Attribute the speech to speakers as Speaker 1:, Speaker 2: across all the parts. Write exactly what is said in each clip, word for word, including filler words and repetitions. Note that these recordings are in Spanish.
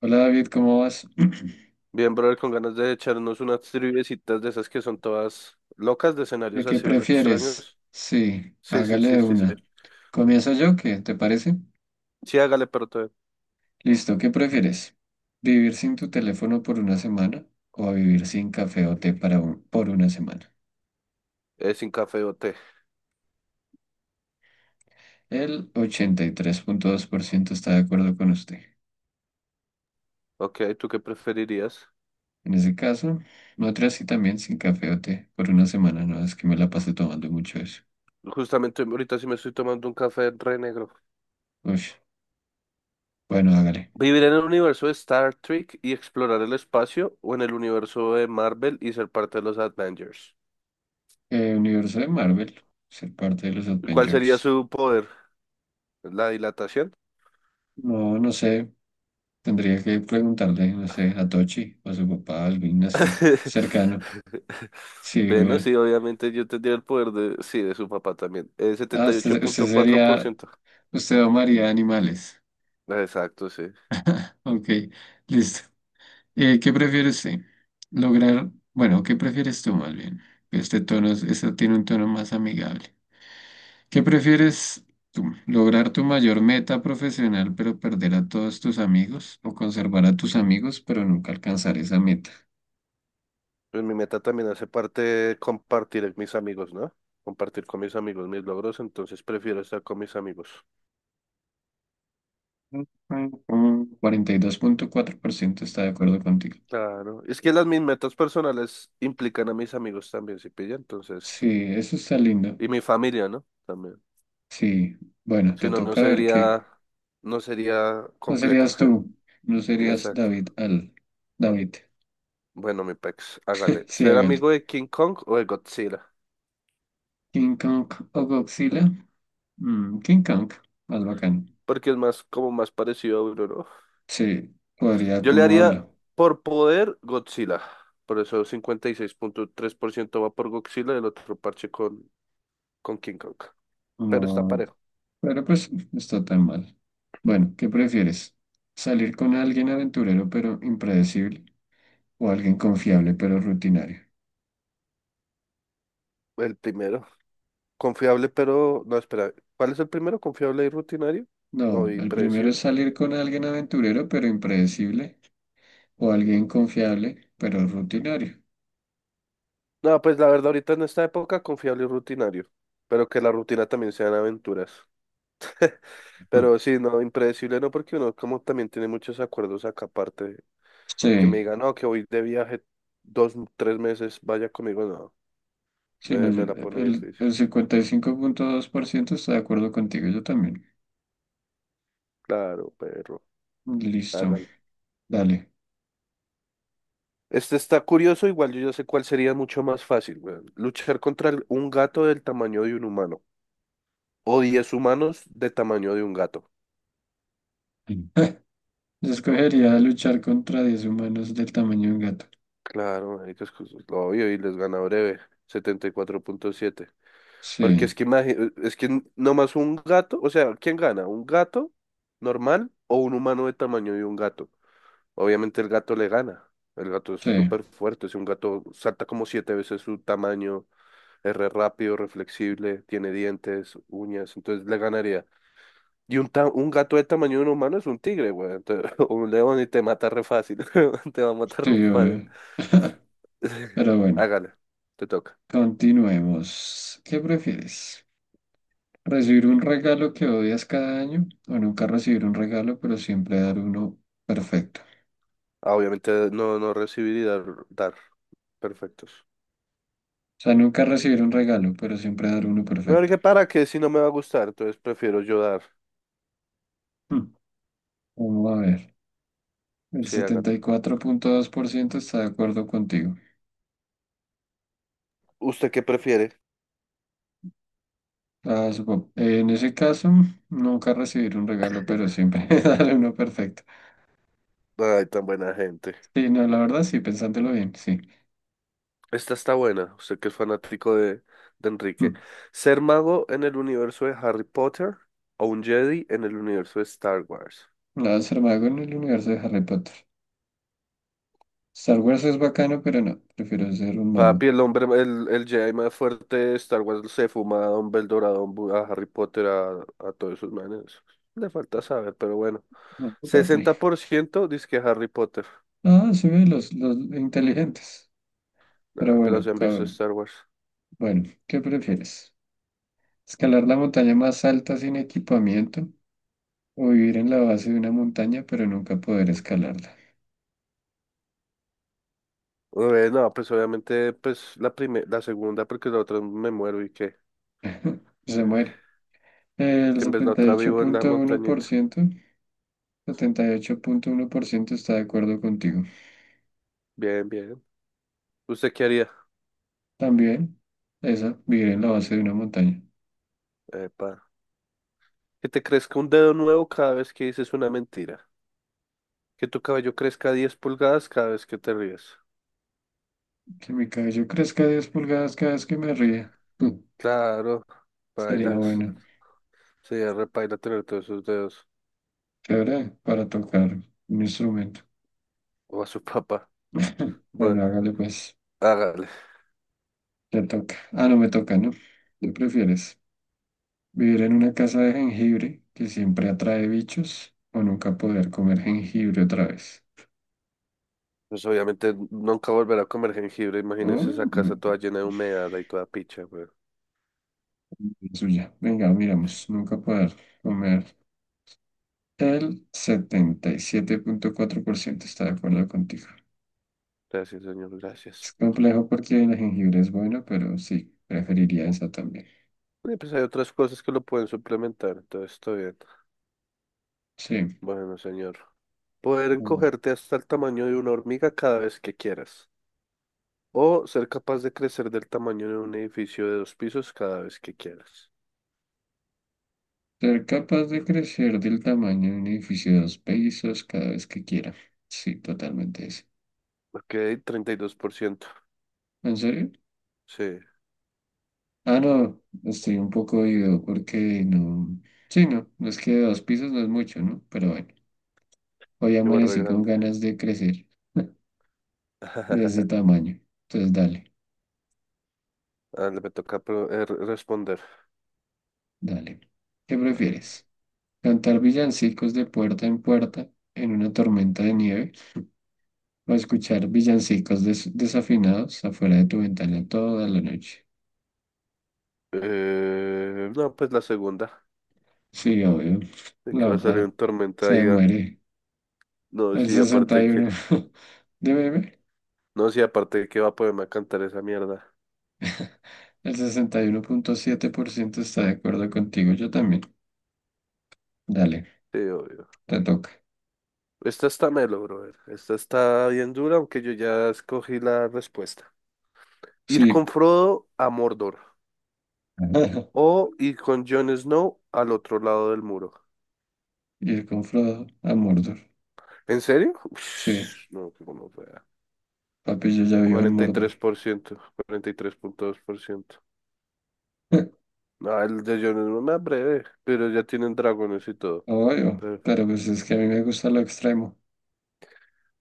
Speaker 1: Hola David, ¿cómo vas?
Speaker 2: Bien, brother, con ganas de echarnos unas triviecitas de esas que son todas locas de
Speaker 1: ¿De
Speaker 2: escenarios
Speaker 1: qué
Speaker 2: así re
Speaker 1: prefieres?
Speaker 2: extraños.
Speaker 1: Sí,
Speaker 2: Sí, sí,
Speaker 1: hágale
Speaker 2: sí,
Speaker 1: de
Speaker 2: sí, sí.
Speaker 1: una. ¿Comienzo yo? ¿Qué te parece?
Speaker 2: Sí, hágale, pero te-
Speaker 1: Listo, ¿qué prefieres? ¿Vivir sin tu teléfono por una semana o vivir sin café o té para un- por una semana?
Speaker 2: eh, Sin café o té.
Speaker 1: El ochenta y tres punto dos por ciento está de acuerdo con usted.
Speaker 2: Ok, ¿tú qué preferirías?
Speaker 1: En ese caso, otra sí también sin café o té por una semana, no es que me la pasé tomando mucho eso.
Speaker 2: Justamente ahorita sí me estoy tomando un café re negro.
Speaker 1: Uy, bueno, hágale.
Speaker 2: ¿Vivir en el universo de Star Trek y explorar el espacio o en el universo de Marvel y ser parte de los Avengers?
Speaker 1: Eh, universo de Marvel, ser parte de los
Speaker 2: ¿Cuál sería
Speaker 1: Avengers.
Speaker 2: su poder? ¿La dilatación?
Speaker 1: No, no sé. Tendría que preguntarle, no sé, a Tochi o a su papá, alguien así, cercano. Sí,
Speaker 2: Bueno, sí,
Speaker 1: güey.
Speaker 2: obviamente yo tendría el poder de, sí, de su papá también. Eh,
Speaker 1: Ah,
Speaker 2: setenta y ocho
Speaker 1: usted, usted
Speaker 2: punto cuatro por
Speaker 1: sería,
Speaker 2: ciento
Speaker 1: usted amaría animales.
Speaker 2: Exacto, sí.
Speaker 1: Ok, listo. Eh, ¿qué prefiere usted? Lograr, bueno, ¿qué prefieres tú más bien? Este tono, es- este tiene un tono más amigable. ¿Qué prefieres tú? ¿Lograr tu mayor meta profesional pero perder a todos tus amigos? ¿O conservar a tus amigos pero nunca alcanzar esa meta?
Speaker 2: Pues mi meta también hace parte de compartir con mis amigos, ¿no? Compartir con mis amigos mis logros, entonces prefiero estar con mis amigos.
Speaker 1: cuarenta y dos punto cuatro por ciento está de acuerdo contigo.
Speaker 2: Claro. Es que las mis metas personales implican a mis amigos también, si pilla,
Speaker 1: Sí,
Speaker 2: entonces.
Speaker 1: eso está lindo.
Speaker 2: Y mi familia, ¿no? También.
Speaker 1: Sí, bueno,
Speaker 2: Si
Speaker 1: te
Speaker 2: no, no
Speaker 1: toca ver qué.
Speaker 2: sería, no sería
Speaker 1: No serías
Speaker 2: completa.
Speaker 1: tú, no serías
Speaker 2: Exacto.
Speaker 1: David Al. David,
Speaker 2: Bueno, mi pex, hágale.
Speaker 1: sí,
Speaker 2: ¿Ser
Speaker 1: hágale.
Speaker 2: amigo de King Kong o de Godzilla?
Speaker 1: King Kong o Godzilla. Mm, King Kong, más bacán.
Speaker 2: Porque es más, como más parecido a uno, ¿no?
Speaker 1: Sí, podría
Speaker 2: Yo le
Speaker 1: como
Speaker 2: haría
Speaker 1: habla.
Speaker 2: por poder Godzilla. Por eso cincuenta y seis punto tres por ciento va por Godzilla y el otro parche con, con King Kong. Pero está
Speaker 1: No,
Speaker 2: parejo.
Speaker 1: pero pues no está tan mal. Bueno, ¿qué prefieres? ¿Salir con alguien aventurero pero impredecible o alguien confiable pero rutinario?
Speaker 2: El primero. Confiable, pero. No, espera. ¿Cuál es el primero? ¿Confiable y rutinario? No,
Speaker 1: No,
Speaker 2: y
Speaker 1: el primero es
Speaker 2: predecible.
Speaker 1: salir con alguien aventurero pero impredecible o alguien confiable pero rutinario.
Speaker 2: No, pues la verdad, ahorita en esta época, confiable y rutinario. Pero que la rutina también sean aventuras. Pero sí, no, impredecible no, porque uno como también tiene muchos acuerdos acá aparte. Que me
Speaker 1: Sí,
Speaker 2: digan, no, que voy de viaje dos, tres meses, vaya conmigo, no.
Speaker 1: sí, no,
Speaker 2: Me,
Speaker 1: yo-
Speaker 2: me la pone
Speaker 1: el,
Speaker 2: difícil.
Speaker 1: el cincuenta y cinco punto dos por ciento está de acuerdo contigo, yo también.
Speaker 2: Claro, perro.
Speaker 1: Listo,
Speaker 2: Hágalo.
Speaker 1: dale.
Speaker 2: Este está curioso, igual yo ya sé cuál sería mucho más fácil, weón. Luchar contra el- un gato del tamaño de un humano. O diez humanos de tamaño de un gato.
Speaker 1: Mm. Yo escogería luchar contra diez humanos del tamaño de un gato.
Speaker 2: Claro, marica, es que es lo obvio y les gana breve. setenta y cuatro punto siete. Porque
Speaker 1: Sí,
Speaker 2: es que imagi- eh, es que nomás un gato, o sea, ¿quién gana? ¿Un gato normal o un humano de tamaño de un gato? Obviamente el gato le gana. El gato es
Speaker 1: sí,
Speaker 2: súper fuerte, si un gato salta como siete veces su tamaño. Es re rápido, reflexible, tiene dientes, uñas, entonces le ganaría. Y un, ta- un gato de tamaño de un humano es un tigre, güey. Entonces, un león y te mata re fácil. Te va a matar
Speaker 1: sí,
Speaker 2: re fácil.
Speaker 1: obvio. Pero bueno,
Speaker 2: Hágale, te toca.
Speaker 1: continuemos. ¿Qué prefieres? Recibir un regalo que odias cada año o nunca recibir un regalo, pero siempre dar uno perfecto.
Speaker 2: Ah, obviamente no, no recibir y dar, dar. Perfectos.
Speaker 1: O sea, nunca recibir un regalo, pero siempre dar uno
Speaker 2: No,
Speaker 1: perfecto.
Speaker 2: que para que si no me va a gustar, entonces prefiero yo dar.
Speaker 1: Hmm, Vamos a ver. El
Speaker 2: Sí,
Speaker 1: setenta
Speaker 2: hágale.
Speaker 1: y cuatro punto dos por ciento está de acuerdo contigo.
Speaker 2: ¿Usted qué prefiere?
Speaker 1: Ah, supo- en ese caso, nunca recibir un regalo, pero siempre dar uno perfecto.
Speaker 2: Ay, tan buena gente.
Speaker 1: Sí, no, la verdad, sí, pensándolo bien, sí.
Speaker 2: Esta está buena, usted que es fanático de, de
Speaker 1: Hmm.
Speaker 2: Enrique. ¿Ser mago en el universo de Harry Potter o un Jedi en el universo de Star Wars?
Speaker 1: No, ser mago en el universo de Harry Potter. Star Wars es bacano, pero no, prefiero ser un mago.
Speaker 2: Papi, el hombre, el, el Jedi más fuerte de Star Wars se fuma a Dumbledore, a, Don Bu- a Harry Potter, a, a todos esos manes. Le falta saber, pero bueno.
Speaker 1: No, papi.
Speaker 2: sesenta por ciento dice que Harry Potter.
Speaker 1: Ah, sí, los, los inteligentes. Pero
Speaker 2: Nah, pero
Speaker 1: bueno,
Speaker 2: se han visto
Speaker 1: cabrón.
Speaker 2: Star Wars.
Speaker 1: Bueno, ¿qué prefieres? ¿Escalar la montaña más alta sin equipamiento o vivir en la base de una montaña pero nunca poder escalarla?
Speaker 2: Eh, no, pues obviamente, pues la prime- la segunda, porque la otra me muero y qué.
Speaker 1: Se
Speaker 2: Sí.
Speaker 1: muere. El
Speaker 2: Que en vez la
Speaker 1: setenta setenta y y
Speaker 2: otra
Speaker 1: ocho ocho
Speaker 2: vivo en la
Speaker 1: punto punto uno uno por
Speaker 2: montañita.
Speaker 1: ciento, setenta y ocho punto uno por ciento está de acuerdo contigo.
Speaker 2: Bien, bien. ¿Usted qué haría?
Speaker 1: También, esa, vivir en la base de una montaña.
Speaker 2: Epa. Que te crezca un dedo nuevo cada vez que dices una mentira. Que tu cabello crezca diez pulgadas cada vez que te ríes.
Speaker 1: Que mi cabello crezca diez pulgadas cada vez que me ría.
Speaker 2: Claro,
Speaker 1: Sería
Speaker 2: baila.
Speaker 1: bueno.
Speaker 2: Sería repaila tener todos esos dedos.
Speaker 1: Chévere para tocar un instrumento.
Speaker 2: O a su papá.
Speaker 1: Bueno,
Speaker 2: Bueno,
Speaker 1: hágale pues,
Speaker 2: hágale.
Speaker 1: te toca. Ah, no me toca, ¿no? ¿Qué prefieres? ¿Vivir en una casa de jengibre que siempre atrae bichos o nunca poder comer jengibre otra vez?
Speaker 2: Pues obviamente nunca volverá a comer jengibre.
Speaker 1: O
Speaker 2: Imagínense esa
Speaker 1: no,
Speaker 2: casa toda llena de humedad y toda picha, güey.
Speaker 1: la suya. Venga, miramos, nunca poder comer. El setenta y siete punto cuatro por ciento está de acuerdo contigo.
Speaker 2: Gracias, señor,
Speaker 1: Es
Speaker 2: gracias.
Speaker 1: complejo porque el jengibre es bueno, pero sí, preferiría esa también.
Speaker 2: Y pues hay otras cosas que lo pueden suplementar, entonces está bien.
Speaker 1: Sí.
Speaker 2: Bueno, señor. Poder
Speaker 1: Bueno.
Speaker 2: encogerte hasta el tamaño de una hormiga cada vez que quieras. O ser capaz de crecer del tamaño de un edificio de dos pisos cada vez que quieras.
Speaker 1: Ser capaz de crecer del tamaño de un edificio de dos pisos cada vez que quiera. Sí, totalmente eso.
Speaker 2: Ok, treinta y dos por ciento.
Speaker 1: ¿En serio?
Speaker 2: Sí,
Speaker 1: Ah, no, estoy un poco ido porque no. Sí, no, no es que de dos pisos no es mucho, ¿no? Pero bueno, hoy
Speaker 2: igual re
Speaker 1: amanecí con
Speaker 2: grande.
Speaker 1: ganas de crecer de ese tamaño. Entonces, dale,
Speaker 2: Ah, le me toca pro- eh, re- responder.
Speaker 1: dale. ¿Qué prefieres? ¿Cantar villancicos de puerta en puerta en una tormenta de nieve o escuchar villancicos des- desafinados afuera de tu ventana toda la noche?
Speaker 2: Eh, no, pues la segunda.
Speaker 1: Sí, obvio.
Speaker 2: De
Speaker 1: La
Speaker 2: que va a
Speaker 1: otra
Speaker 2: salir un tormenta
Speaker 1: se
Speaker 2: y ya.
Speaker 1: muere.
Speaker 2: No,
Speaker 1: El
Speaker 2: sí,
Speaker 1: sesenta
Speaker 2: aparte
Speaker 1: y
Speaker 2: que.
Speaker 1: uno de bebé.
Speaker 2: No, sí, aparte de que va a poderme a cantar esa mierda.
Speaker 1: El sesenta y uno punto siete por ciento está de acuerdo contigo. Yo también. Dale,
Speaker 2: Sí, obvio.
Speaker 1: te toca.
Speaker 2: Esta está melo, brother. Esta está bien dura, aunque yo ya escogí la respuesta. Ir con
Speaker 1: Sí.
Speaker 2: Frodo a Mordor.
Speaker 1: Ajá.
Speaker 2: O y con Jon Snow al otro lado del muro.
Speaker 1: Ir con Frodo a Mordor.
Speaker 2: ¿En serio?
Speaker 1: Sí,
Speaker 2: Ush, no, que como vea.
Speaker 1: papi, yo ya vivo en
Speaker 2: cuarenta y
Speaker 1: Mordor.
Speaker 2: tres por ciento, cuarenta y tres punto dos por ciento. No, el de Jon Snow, una breve, pero ya tienen dragones y todo.
Speaker 1: Obvio,
Speaker 2: Pero
Speaker 1: pero pues es que a mí me gusta lo extremo.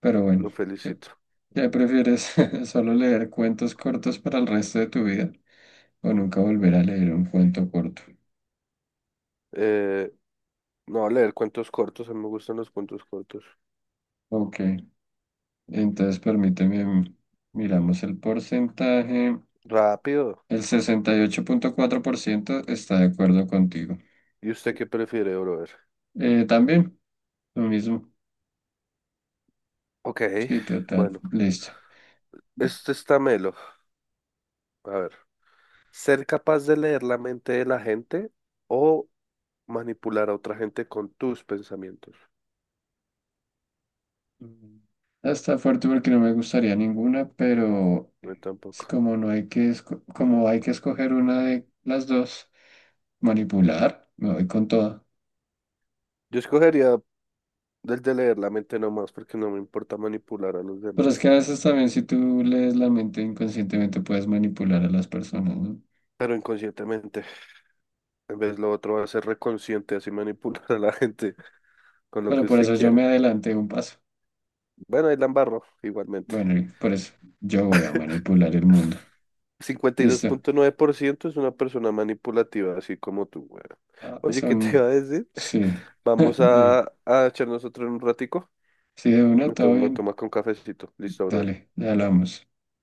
Speaker 1: Pero bueno,
Speaker 2: lo
Speaker 1: ¿qué,
Speaker 2: felicito.
Speaker 1: qué prefieres? ¿Solo leer cuentos cortos para el resto de tu vida? ¿O nunca volver a leer un cuento corto?
Speaker 2: Eh, no, leer cuentos cortos, a mí me gustan los cuentos cortos.
Speaker 1: Ok. Entonces, permíteme, miramos el porcentaje.
Speaker 2: Rápido.
Speaker 1: El sesenta y ocho punto cuatro por ciento está de acuerdo contigo.
Speaker 2: ¿Y usted qué prefiere, brother?
Speaker 1: Eh, también, lo mismo.
Speaker 2: Ok,
Speaker 1: Sí, total.
Speaker 2: bueno,
Speaker 1: Listo.
Speaker 2: este está melo. A ver, ¿ser capaz de leer la mente de la gente o manipular a otra gente con tus pensamientos?
Speaker 1: Mm. Ah, está fuerte porque no me gustaría ninguna, pero
Speaker 2: Yo
Speaker 1: es
Speaker 2: tampoco.
Speaker 1: como no hay que esco- como hay que escoger una de las dos, manipular, me voy con toda.
Speaker 2: Yo escogería el de leer la mente nomás porque no me importa manipular a los
Speaker 1: Pero es
Speaker 2: demás,
Speaker 1: que a veces también si tú lees la mente inconscientemente puedes manipular a las personas, ¿no?
Speaker 2: pero inconscientemente. En vez lo otro va a ser reconsciente, así manipular a la gente con lo
Speaker 1: Pero
Speaker 2: que
Speaker 1: por
Speaker 2: usted
Speaker 1: eso yo
Speaker 2: quiera.
Speaker 1: me adelanté un paso.
Speaker 2: Bueno, ahí la embarro igualmente.
Speaker 1: Bueno, y por eso yo voy a manipular el mundo.
Speaker 2: cincuenta y dos
Speaker 1: Listo.
Speaker 2: punto nueve por ciento es una persona manipulativa, así como tú, güey.
Speaker 1: Ah,
Speaker 2: Oye, ¿qué te
Speaker 1: son,
Speaker 2: iba a decir?
Speaker 1: sí,
Speaker 2: Vamos a,
Speaker 1: de,
Speaker 2: a echar nosotros un ratico.
Speaker 1: sí, de una,
Speaker 2: Me
Speaker 1: todo
Speaker 2: tomo, me
Speaker 1: bien.
Speaker 2: tomas con cafecito. Listo, brother.
Speaker 1: Dale, ya hablamos.